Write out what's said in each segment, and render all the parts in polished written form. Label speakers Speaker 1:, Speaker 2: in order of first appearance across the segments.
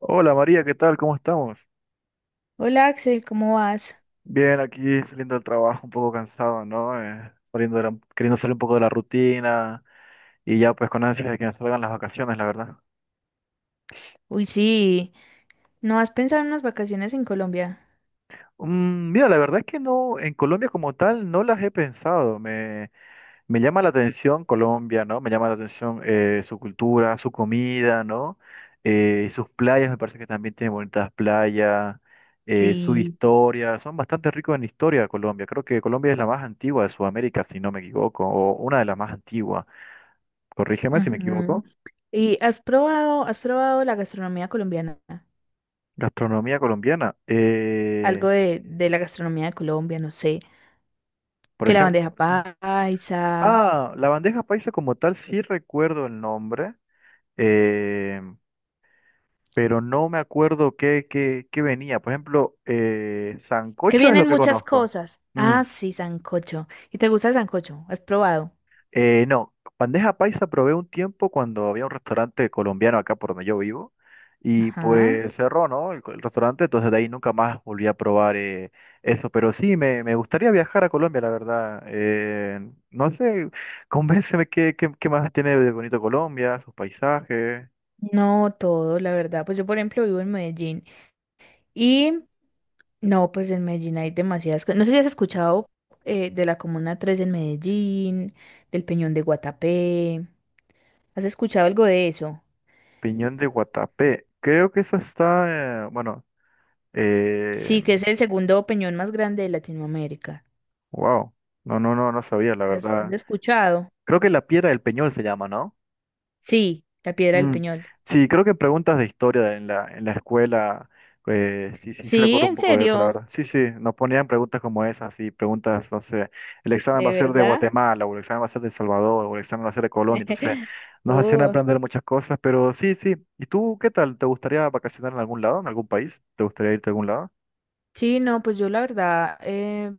Speaker 1: Hola María, ¿qué tal? ¿Cómo estamos?
Speaker 2: Hola Axel, ¿cómo vas?
Speaker 1: Bien, aquí saliendo del trabajo, un poco cansado, ¿no? Saliendo queriendo salir un poco de la rutina y ya pues con ansias de que nos salgan las vacaciones, la verdad.
Speaker 2: Uy, sí, ¿no has pensado en unas vacaciones en Colombia?
Speaker 1: Mm, mira, la verdad es que no, en Colombia como tal no las he pensado. Me llama la atención Colombia, ¿no? Me llama la atención su cultura, su comida, ¿no? Sus playas, me parece que también tiene bonitas playas, su
Speaker 2: Sí.
Speaker 1: historia. Son bastante ricos en historia Colombia. Creo que Colombia es la más antigua de Sudamérica, si no me equivoco, o una de las más antiguas. Corrígeme si me
Speaker 2: Ujú.
Speaker 1: equivoco.
Speaker 2: ¿Y has probado la gastronomía colombiana?
Speaker 1: Gastronomía colombiana.
Speaker 2: Algo de la gastronomía de Colombia, no sé,
Speaker 1: Por
Speaker 2: que la
Speaker 1: ejemplo,
Speaker 2: bandeja paisa,
Speaker 1: ah, la bandeja paisa como tal, sí recuerdo el nombre. Eh, pero no me acuerdo qué venía. Por ejemplo,
Speaker 2: es que
Speaker 1: sancocho es lo
Speaker 2: vienen
Speaker 1: que
Speaker 2: muchas
Speaker 1: conozco.
Speaker 2: cosas.
Speaker 1: Mm,
Speaker 2: Ah, sí, sancocho. ¿Y te gusta el sancocho? ¿Has probado?
Speaker 1: no, bandeja paisa probé un tiempo cuando había un restaurante colombiano acá por donde yo vivo y
Speaker 2: Ajá.
Speaker 1: pues cerró, ¿no? El restaurante, entonces de ahí nunca más volví a probar eso. Pero sí, me gustaría viajar a Colombia, la verdad. No sé, convénceme qué más tiene de bonito Colombia, sus paisajes.
Speaker 2: No todo, la verdad. Pues yo, por ejemplo, vivo en Medellín y... No, pues en Medellín hay demasiadas cosas. No sé si has escuchado de la Comuna Tres en Medellín, del Peñón de Guatapé. ¿Has escuchado algo de eso?
Speaker 1: Piñón de Guatapé. Creo que eso está, bueno, eh,
Speaker 2: Sí, que es el segundo peñón más grande de Latinoamérica.
Speaker 1: wow. No, no, no, no sabía, la
Speaker 2: ¿Has, has
Speaker 1: verdad.
Speaker 2: escuchado?
Speaker 1: Creo que la piedra del Peñol se llama, ¿no?
Speaker 2: Sí, la Piedra del
Speaker 1: Mm.
Speaker 2: Peñol.
Speaker 1: Sí, creo que en preguntas de historia en la escuela, pues sí, sí, sí
Speaker 2: Sí,
Speaker 1: recuerdo un
Speaker 2: en
Speaker 1: poco de eso, la
Speaker 2: serio,
Speaker 1: verdad. Sí, sí, nos ponían preguntas como esas, sí, preguntas, no sé, el examen va a
Speaker 2: de
Speaker 1: ser de
Speaker 2: verdad.
Speaker 1: Guatemala, o el examen va a ser de El Salvador, o el examen va a ser de Colombia, entonces nos hacían
Speaker 2: Uh,
Speaker 1: aprender muchas cosas, pero sí, sí. ¿Y tú qué tal? ¿Te gustaría vacacionar en algún lado, en algún país? ¿Te gustaría irte a algún lado?
Speaker 2: sí, no, pues yo la verdad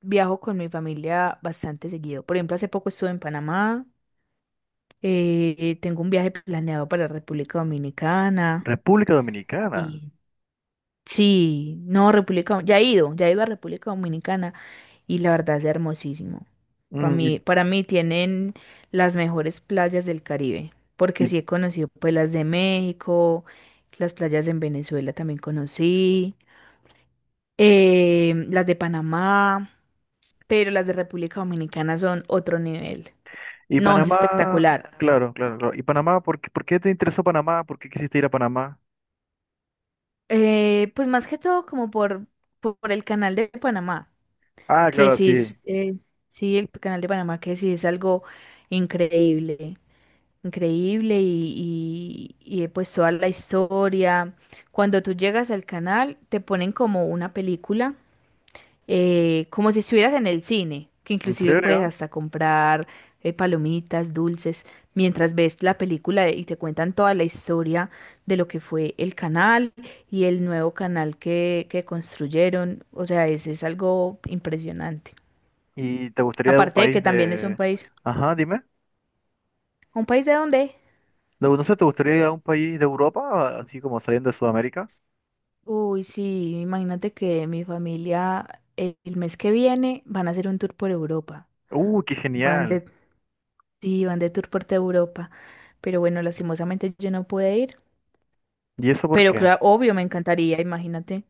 Speaker 2: viajo con mi familia bastante seguido. Por ejemplo, hace poco estuve en Panamá. Tengo un viaje planeado para República Dominicana.
Speaker 1: República Dominicana.
Speaker 2: Y sí, no, República, ya he ido a República Dominicana y la verdad es hermosísimo.
Speaker 1: Mm,
Speaker 2: Para mí tienen las mejores playas del Caribe, porque
Speaker 1: ¿y,
Speaker 2: sí he conocido pues las de México, las playas en Venezuela también conocí, las de Panamá, pero las de República Dominicana son otro nivel.
Speaker 1: ¿y
Speaker 2: No, es
Speaker 1: Panamá,
Speaker 2: espectacular.
Speaker 1: claro, claro, claro? ¿Y Panamá? Por qué te interesó Panamá? ¿Por qué quisiste ir a Panamá?
Speaker 2: Pues más que todo como por el canal de Panamá.
Speaker 1: Ah,
Speaker 2: Que
Speaker 1: claro,
Speaker 2: sí
Speaker 1: sí.
Speaker 2: es, sí, el canal de Panamá, que sí es algo increíble, increíble pues toda la historia. Cuando tú llegas al canal, te ponen como una película, como si estuvieras en el cine, que
Speaker 1: ¿En
Speaker 2: inclusive puedes
Speaker 1: serio?
Speaker 2: hasta comprar palomitas, dulces, mientras ves la película y te cuentan toda la historia de lo que fue el canal y el nuevo canal que construyeron. O sea, es algo impresionante.
Speaker 1: ¿Y te gustaría ir a un
Speaker 2: Aparte de
Speaker 1: país
Speaker 2: que también es un
Speaker 1: de...
Speaker 2: país.
Speaker 1: Ajá, dime.
Speaker 2: ¿Un país de dónde?
Speaker 1: No sé, ¿te gustaría ir a un país de Europa, así como saliendo de Sudamérica?
Speaker 2: Uy, sí, imagínate que mi familia el mes que viene van a hacer un tour por Europa.
Speaker 1: Qué
Speaker 2: Van
Speaker 1: genial.
Speaker 2: de... sí, van de tour por toda Europa. Pero bueno, lastimosamente yo no pude ir.
Speaker 1: ¿Y eso por
Speaker 2: Pero
Speaker 1: qué?
Speaker 2: claro, obvio, me encantaría, imagínate.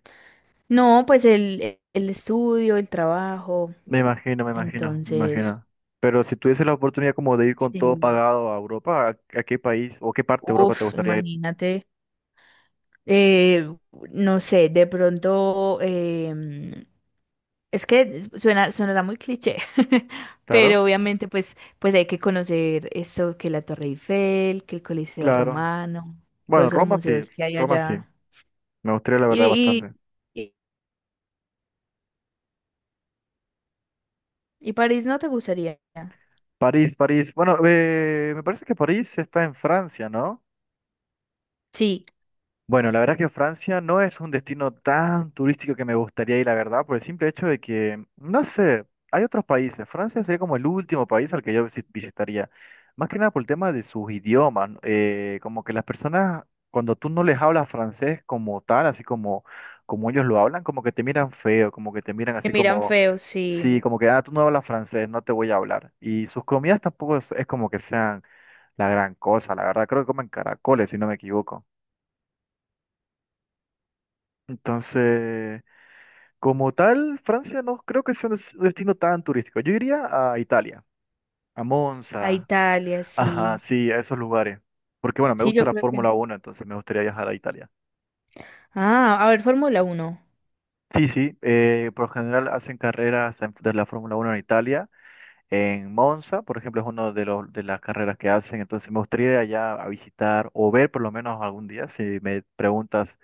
Speaker 2: No, pues el estudio, el trabajo.
Speaker 1: Me imagino, me imagino, me
Speaker 2: Entonces,
Speaker 1: imagino. Pero si tuviese la oportunidad como de ir con todo
Speaker 2: sí.
Speaker 1: pagado a Europa, ¿a qué país o qué parte de Europa te
Speaker 2: Uf,
Speaker 1: gustaría ir?
Speaker 2: imagínate. eh, no sé, de pronto, es que suena, sonará muy cliché,
Speaker 1: Claro,
Speaker 2: pero obviamente pues, pues hay que conocer eso, que la Torre Eiffel, que el Coliseo
Speaker 1: claro.
Speaker 2: Romano, todos
Speaker 1: Bueno,
Speaker 2: esos
Speaker 1: Roma sí,
Speaker 2: museos que hay
Speaker 1: Roma sí.
Speaker 2: allá.
Speaker 1: Me gustaría la verdad
Speaker 2: Y,
Speaker 1: bastante.
Speaker 2: y, y, París no te gustaría.
Speaker 1: París, París. Bueno, me parece que París está en Francia, ¿no?
Speaker 2: Sí,
Speaker 1: Bueno, la verdad que Francia no es un destino tan turístico que me gustaría ir, la verdad, por el simple hecho de que, no sé, hay otros países. Francia sería como el último país al que yo visitaría. Más que nada por el tema de sus idiomas, ¿no? Como que las personas, cuando tú no les hablas francés como tal, así como, como ellos lo hablan, como que te miran feo, como que te miran
Speaker 2: que
Speaker 1: así
Speaker 2: miran
Speaker 1: como...
Speaker 2: feo, sí.
Speaker 1: Sí, como que, ah, tú no hablas francés, no te voy a hablar. Y sus comidas tampoco es, es como que sean la gran cosa, la verdad, creo que comen caracoles, si no me equivoco. Entonces, como tal, Francia no creo que sea un destino tan turístico. Yo iría a Italia, a
Speaker 2: A
Speaker 1: Monza,
Speaker 2: Italia,
Speaker 1: ajá,
Speaker 2: sí.
Speaker 1: sí, a esos lugares. Porque bueno, me
Speaker 2: Sí,
Speaker 1: gusta
Speaker 2: yo
Speaker 1: la
Speaker 2: creo que...
Speaker 1: Fórmula Uno, entonces me gustaría viajar a Italia.
Speaker 2: Ah, a ver, Fórmula Uno.
Speaker 1: Sí, sí, por lo general hacen carreras de la Fórmula Uno en Italia. En Monza, por ejemplo, es una de, de las carreras que hacen, entonces me gustaría ir allá a visitar o ver por lo menos algún día, si me preguntas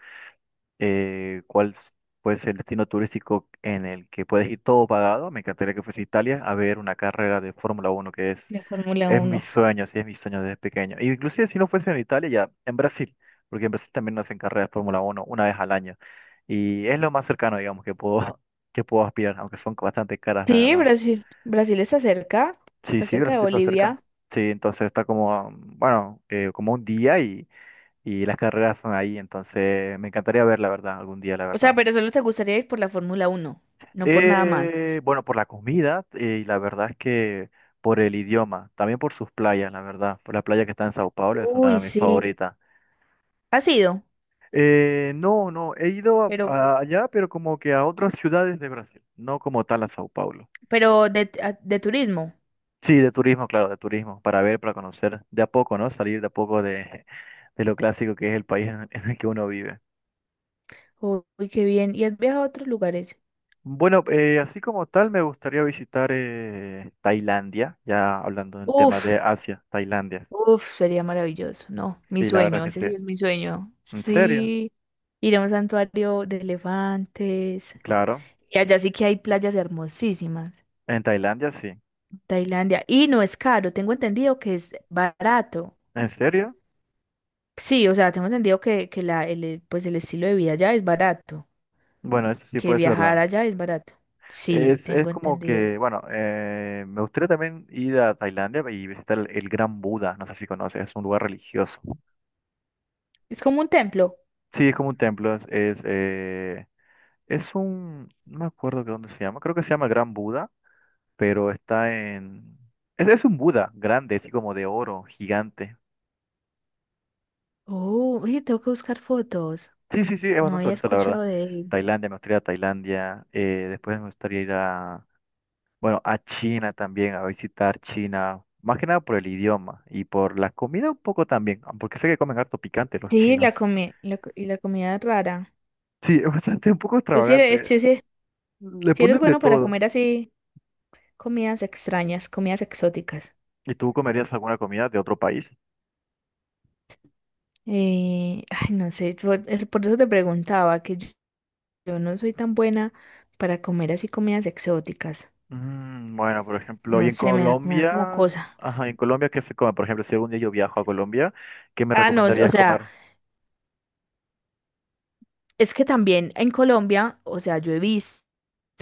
Speaker 1: cuál puede ser el destino turístico en el que puedes ir todo pagado. Me encantaría que fuese Italia a ver una carrera de Fórmula Uno, que
Speaker 2: La Fórmula
Speaker 1: es mi
Speaker 2: Uno.
Speaker 1: sueño, sí, es mi sueño desde pequeño. Y inclusive si no fuese en Italia, ya en Brasil, porque en Brasil también hacen carreras de Fórmula Uno una vez al año. Y es lo más cercano, digamos, que puedo, que puedo aspirar, aunque son bastante caras, la
Speaker 2: Sí,
Speaker 1: verdad.
Speaker 2: Brasil. Brasil
Speaker 1: Sí,
Speaker 2: está
Speaker 1: sí,
Speaker 2: cerca de
Speaker 1: Brasil está cerca.
Speaker 2: Bolivia.
Speaker 1: Sí, entonces está como, bueno, como un día, y las carreras son ahí, entonces me encantaría ver, la verdad, algún día, la
Speaker 2: O sea,
Speaker 1: verdad.
Speaker 2: pero solo te gustaría ir por la Fórmula Uno, no por nada más.
Speaker 1: Bueno, por la comida y la verdad es que por el idioma, también por sus playas, la verdad. Por la playa que está en Sao Paulo es una de
Speaker 2: Uy,
Speaker 1: mis
Speaker 2: sí.
Speaker 1: favoritas.
Speaker 2: Ha sido,
Speaker 1: No, no, he ido
Speaker 2: pero,
Speaker 1: allá, pero como que a otras ciudades de Brasil, no como tal a Sao Paulo.
Speaker 2: pero de, de turismo.
Speaker 1: Sí, de turismo, claro, de turismo, para ver, para conocer de a poco, ¿no? Salir de a poco de, de lo clásico que es el país en el que uno vive.
Speaker 2: Uy, qué bien. ¿Y has viajado a otros lugares?
Speaker 1: Bueno, así como tal, me gustaría visitar Tailandia, ya hablando del tema
Speaker 2: Uf,
Speaker 1: de Asia, Tailandia.
Speaker 2: sería maravilloso. No, mi
Speaker 1: Sí, la verdad
Speaker 2: sueño,
Speaker 1: que
Speaker 2: ese sí
Speaker 1: sí.
Speaker 2: es mi sueño.
Speaker 1: ¿En serio?
Speaker 2: Sí, ir a un santuario de elefantes.
Speaker 1: Claro.
Speaker 2: Y allá sí que hay playas hermosísimas.
Speaker 1: En Tailandia sí.
Speaker 2: Tailandia. Y no es caro, tengo entendido que es barato.
Speaker 1: ¿En serio?
Speaker 2: Sí, o sea, tengo entendido que pues el estilo de vida allá es barato,
Speaker 1: Bueno, eso sí
Speaker 2: que
Speaker 1: puede ser verdad.
Speaker 2: viajar allá es barato. Sí,
Speaker 1: Es
Speaker 2: tengo
Speaker 1: como
Speaker 2: entendido.
Speaker 1: que, bueno, me gustaría también ir a Tailandia y visitar el Gran Buda. No sé si conoces, es un lugar religioso.
Speaker 2: Es como un templo.
Speaker 1: Sí, es como un templo, es un, no me acuerdo de dónde se llama, creo que se llama Gran Buda, pero está en, es un Buda grande, así como de oro, gigante.
Speaker 2: Oh, oye, tengo que buscar fotos.
Speaker 1: Sí, sí, sí, es
Speaker 2: No
Speaker 1: bastante
Speaker 2: había
Speaker 1: bonito, la verdad.
Speaker 2: escuchado de él.
Speaker 1: Tailandia, me gustaría ir a Tailandia, después me gustaría ir a, bueno, a China también, a visitar China, más que nada por el idioma y por la comida un poco también, ah, porque sé que comen harto picante los
Speaker 2: Sí,
Speaker 1: chinos.
Speaker 2: y la comida rara.
Speaker 1: Sí, es bastante un poco
Speaker 2: Tú si eres,
Speaker 1: extravagante. Le
Speaker 2: sí eres
Speaker 1: ponen de
Speaker 2: bueno para
Speaker 1: todo.
Speaker 2: comer así comidas extrañas, comidas exóticas.
Speaker 1: ¿Y tú comerías alguna comida de otro país?
Speaker 2: Ay, no sé, es por eso te preguntaba, yo no soy tan buena para comer así comidas exóticas.
Speaker 1: Mm, bueno, por ejemplo,
Speaker 2: No
Speaker 1: y en
Speaker 2: sé, me da
Speaker 1: Colombia,
Speaker 2: como cosa.
Speaker 1: ajá, ¿y en Colombia qué se come? Por ejemplo, si algún día yo viajo a Colombia, ¿qué me
Speaker 2: Ah, no, o
Speaker 1: recomendarías
Speaker 2: sea.
Speaker 1: comer?
Speaker 2: Es que también en Colombia, o sea, yo he visto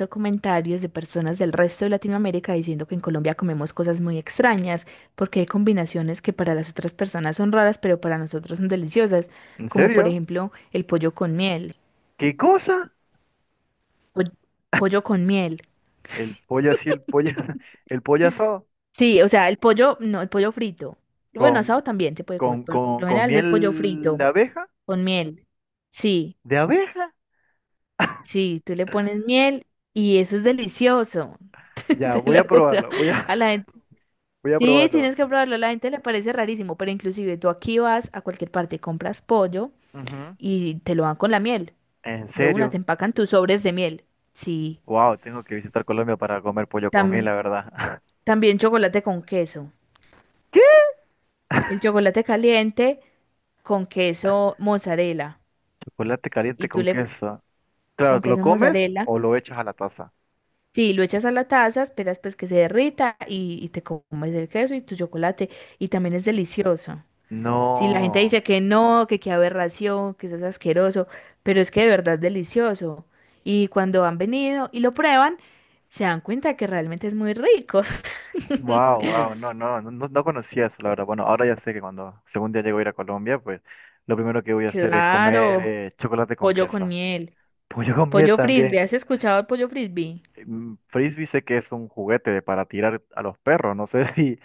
Speaker 2: comentarios de personas del resto de Latinoamérica diciendo que en Colombia comemos cosas muy extrañas, porque hay combinaciones que para las otras personas son raras, pero para nosotros son deliciosas,
Speaker 1: ¿En
Speaker 2: como por
Speaker 1: serio?
Speaker 2: ejemplo el pollo con miel,
Speaker 1: ¿Qué cosa?
Speaker 2: po- pollo con miel.
Speaker 1: El pollo así, el pollo, el pollo asado
Speaker 2: Sí, o sea, el pollo, no, el pollo frito. Bueno,
Speaker 1: con,
Speaker 2: asado también se puede comer, pero por lo
Speaker 1: con
Speaker 2: general es el pollo
Speaker 1: miel de
Speaker 2: frito
Speaker 1: abeja,
Speaker 2: con miel. Sí,
Speaker 1: de abeja.
Speaker 2: sí, tú le pones miel y eso es delicioso,
Speaker 1: Ya,
Speaker 2: te
Speaker 1: voy
Speaker 2: lo
Speaker 1: a
Speaker 2: juro.
Speaker 1: probarlo, voy a,
Speaker 2: A la gente...
Speaker 1: voy a
Speaker 2: Sí,
Speaker 1: probarlo.
Speaker 2: tienes que probarlo, a la gente le parece rarísimo, pero inclusive tú aquí vas a cualquier parte, compras pollo
Speaker 1: Ujú.
Speaker 2: y te lo dan con la miel.
Speaker 1: ¿En
Speaker 2: De una te
Speaker 1: serio?
Speaker 2: empacan tus sobres de miel. Sí,
Speaker 1: Wow, tengo que visitar Colombia para comer pollo con miel,
Speaker 2: tam-
Speaker 1: la verdad.
Speaker 2: también chocolate con queso.
Speaker 1: ¿Qué?
Speaker 2: El chocolate caliente con queso mozzarella.
Speaker 1: Chocolate
Speaker 2: Y
Speaker 1: caliente
Speaker 2: tú
Speaker 1: con
Speaker 2: le...
Speaker 1: queso.
Speaker 2: con
Speaker 1: Claro, ¿lo
Speaker 2: queso
Speaker 1: comes
Speaker 2: mozzarella.
Speaker 1: o lo echas a la taza?
Speaker 2: Sí, lo echas a la taza, esperas pues que se derrita y te comes el queso y tu chocolate. Y también es delicioso. Si la gente
Speaker 1: No.
Speaker 2: dice que no, que qué aberración, que eso es asqueroso, pero es que de verdad es delicioso. Y cuando han venido y lo prueban, se dan cuenta que realmente es muy rico.
Speaker 1: Wow, wow, no, no, no, no conocía eso, la verdad. Bueno, ahora ya sé que cuando según día llego a ir a Colombia, pues lo primero que voy a hacer es comer
Speaker 2: Claro,
Speaker 1: chocolate con
Speaker 2: pollo con
Speaker 1: queso.
Speaker 2: miel,
Speaker 1: Pollo con miel
Speaker 2: pollo
Speaker 1: también.
Speaker 2: frisbee. ¿Has escuchado el pollo frisbee?
Speaker 1: Mm, Frisbee sé que es un juguete para tirar a los perros, no sé si...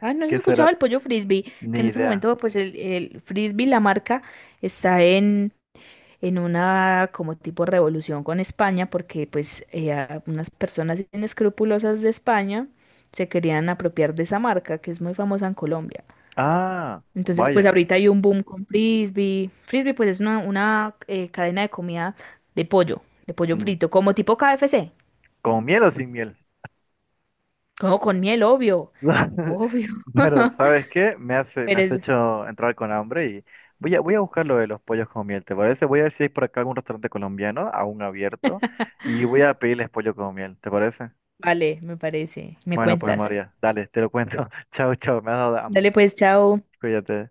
Speaker 2: Ah, no has
Speaker 1: ¿Qué
Speaker 2: escuchado
Speaker 1: será?
Speaker 2: el pollo frisbee, que
Speaker 1: Ni
Speaker 2: en ese
Speaker 1: idea.
Speaker 2: momento pues el frisbee, la marca, está en una como tipo revolución con España, porque pues unas personas inescrupulosas de España se querían apropiar de esa marca que es muy famosa en Colombia.
Speaker 1: Ah,
Speaker 2: Entonces pues
Speaker 1: vaya.
Speaker 2: ahorita hay un boom con Frisbee. Frisbee pues es una, cadena de comida de pollo
Speaker 1: Mm,
Speaker 2: frito, como tipo KFC,
Speaker 1: ¿con miel o sin miel?
Speaker 2: como con miel, obvio, obvio.
Speaker 1: Pero, ¿sabes qué? Me hace, me
Speaker 2: Pero
Speaker 1: has hecho entrar con hambre y voy a, voy a buscar lo de los pollos con miel, ¿te parece? Voy a ver si hay por acá algún restaurante colombiano aún abierto y voy a pedirles pollo con miel, ¿te parece?
Speaker 2: vale, me parece, me
Speaker 1: Bueno, pues
Speaker 2: cuentas.
Speaker 1: María, dale, te lo cuento. Chao, chao, me has dado
Speaker 2: Dale
Speaker 1: hambre.
Speaker 2: pues, chao.
Speaker 1: Cuídate.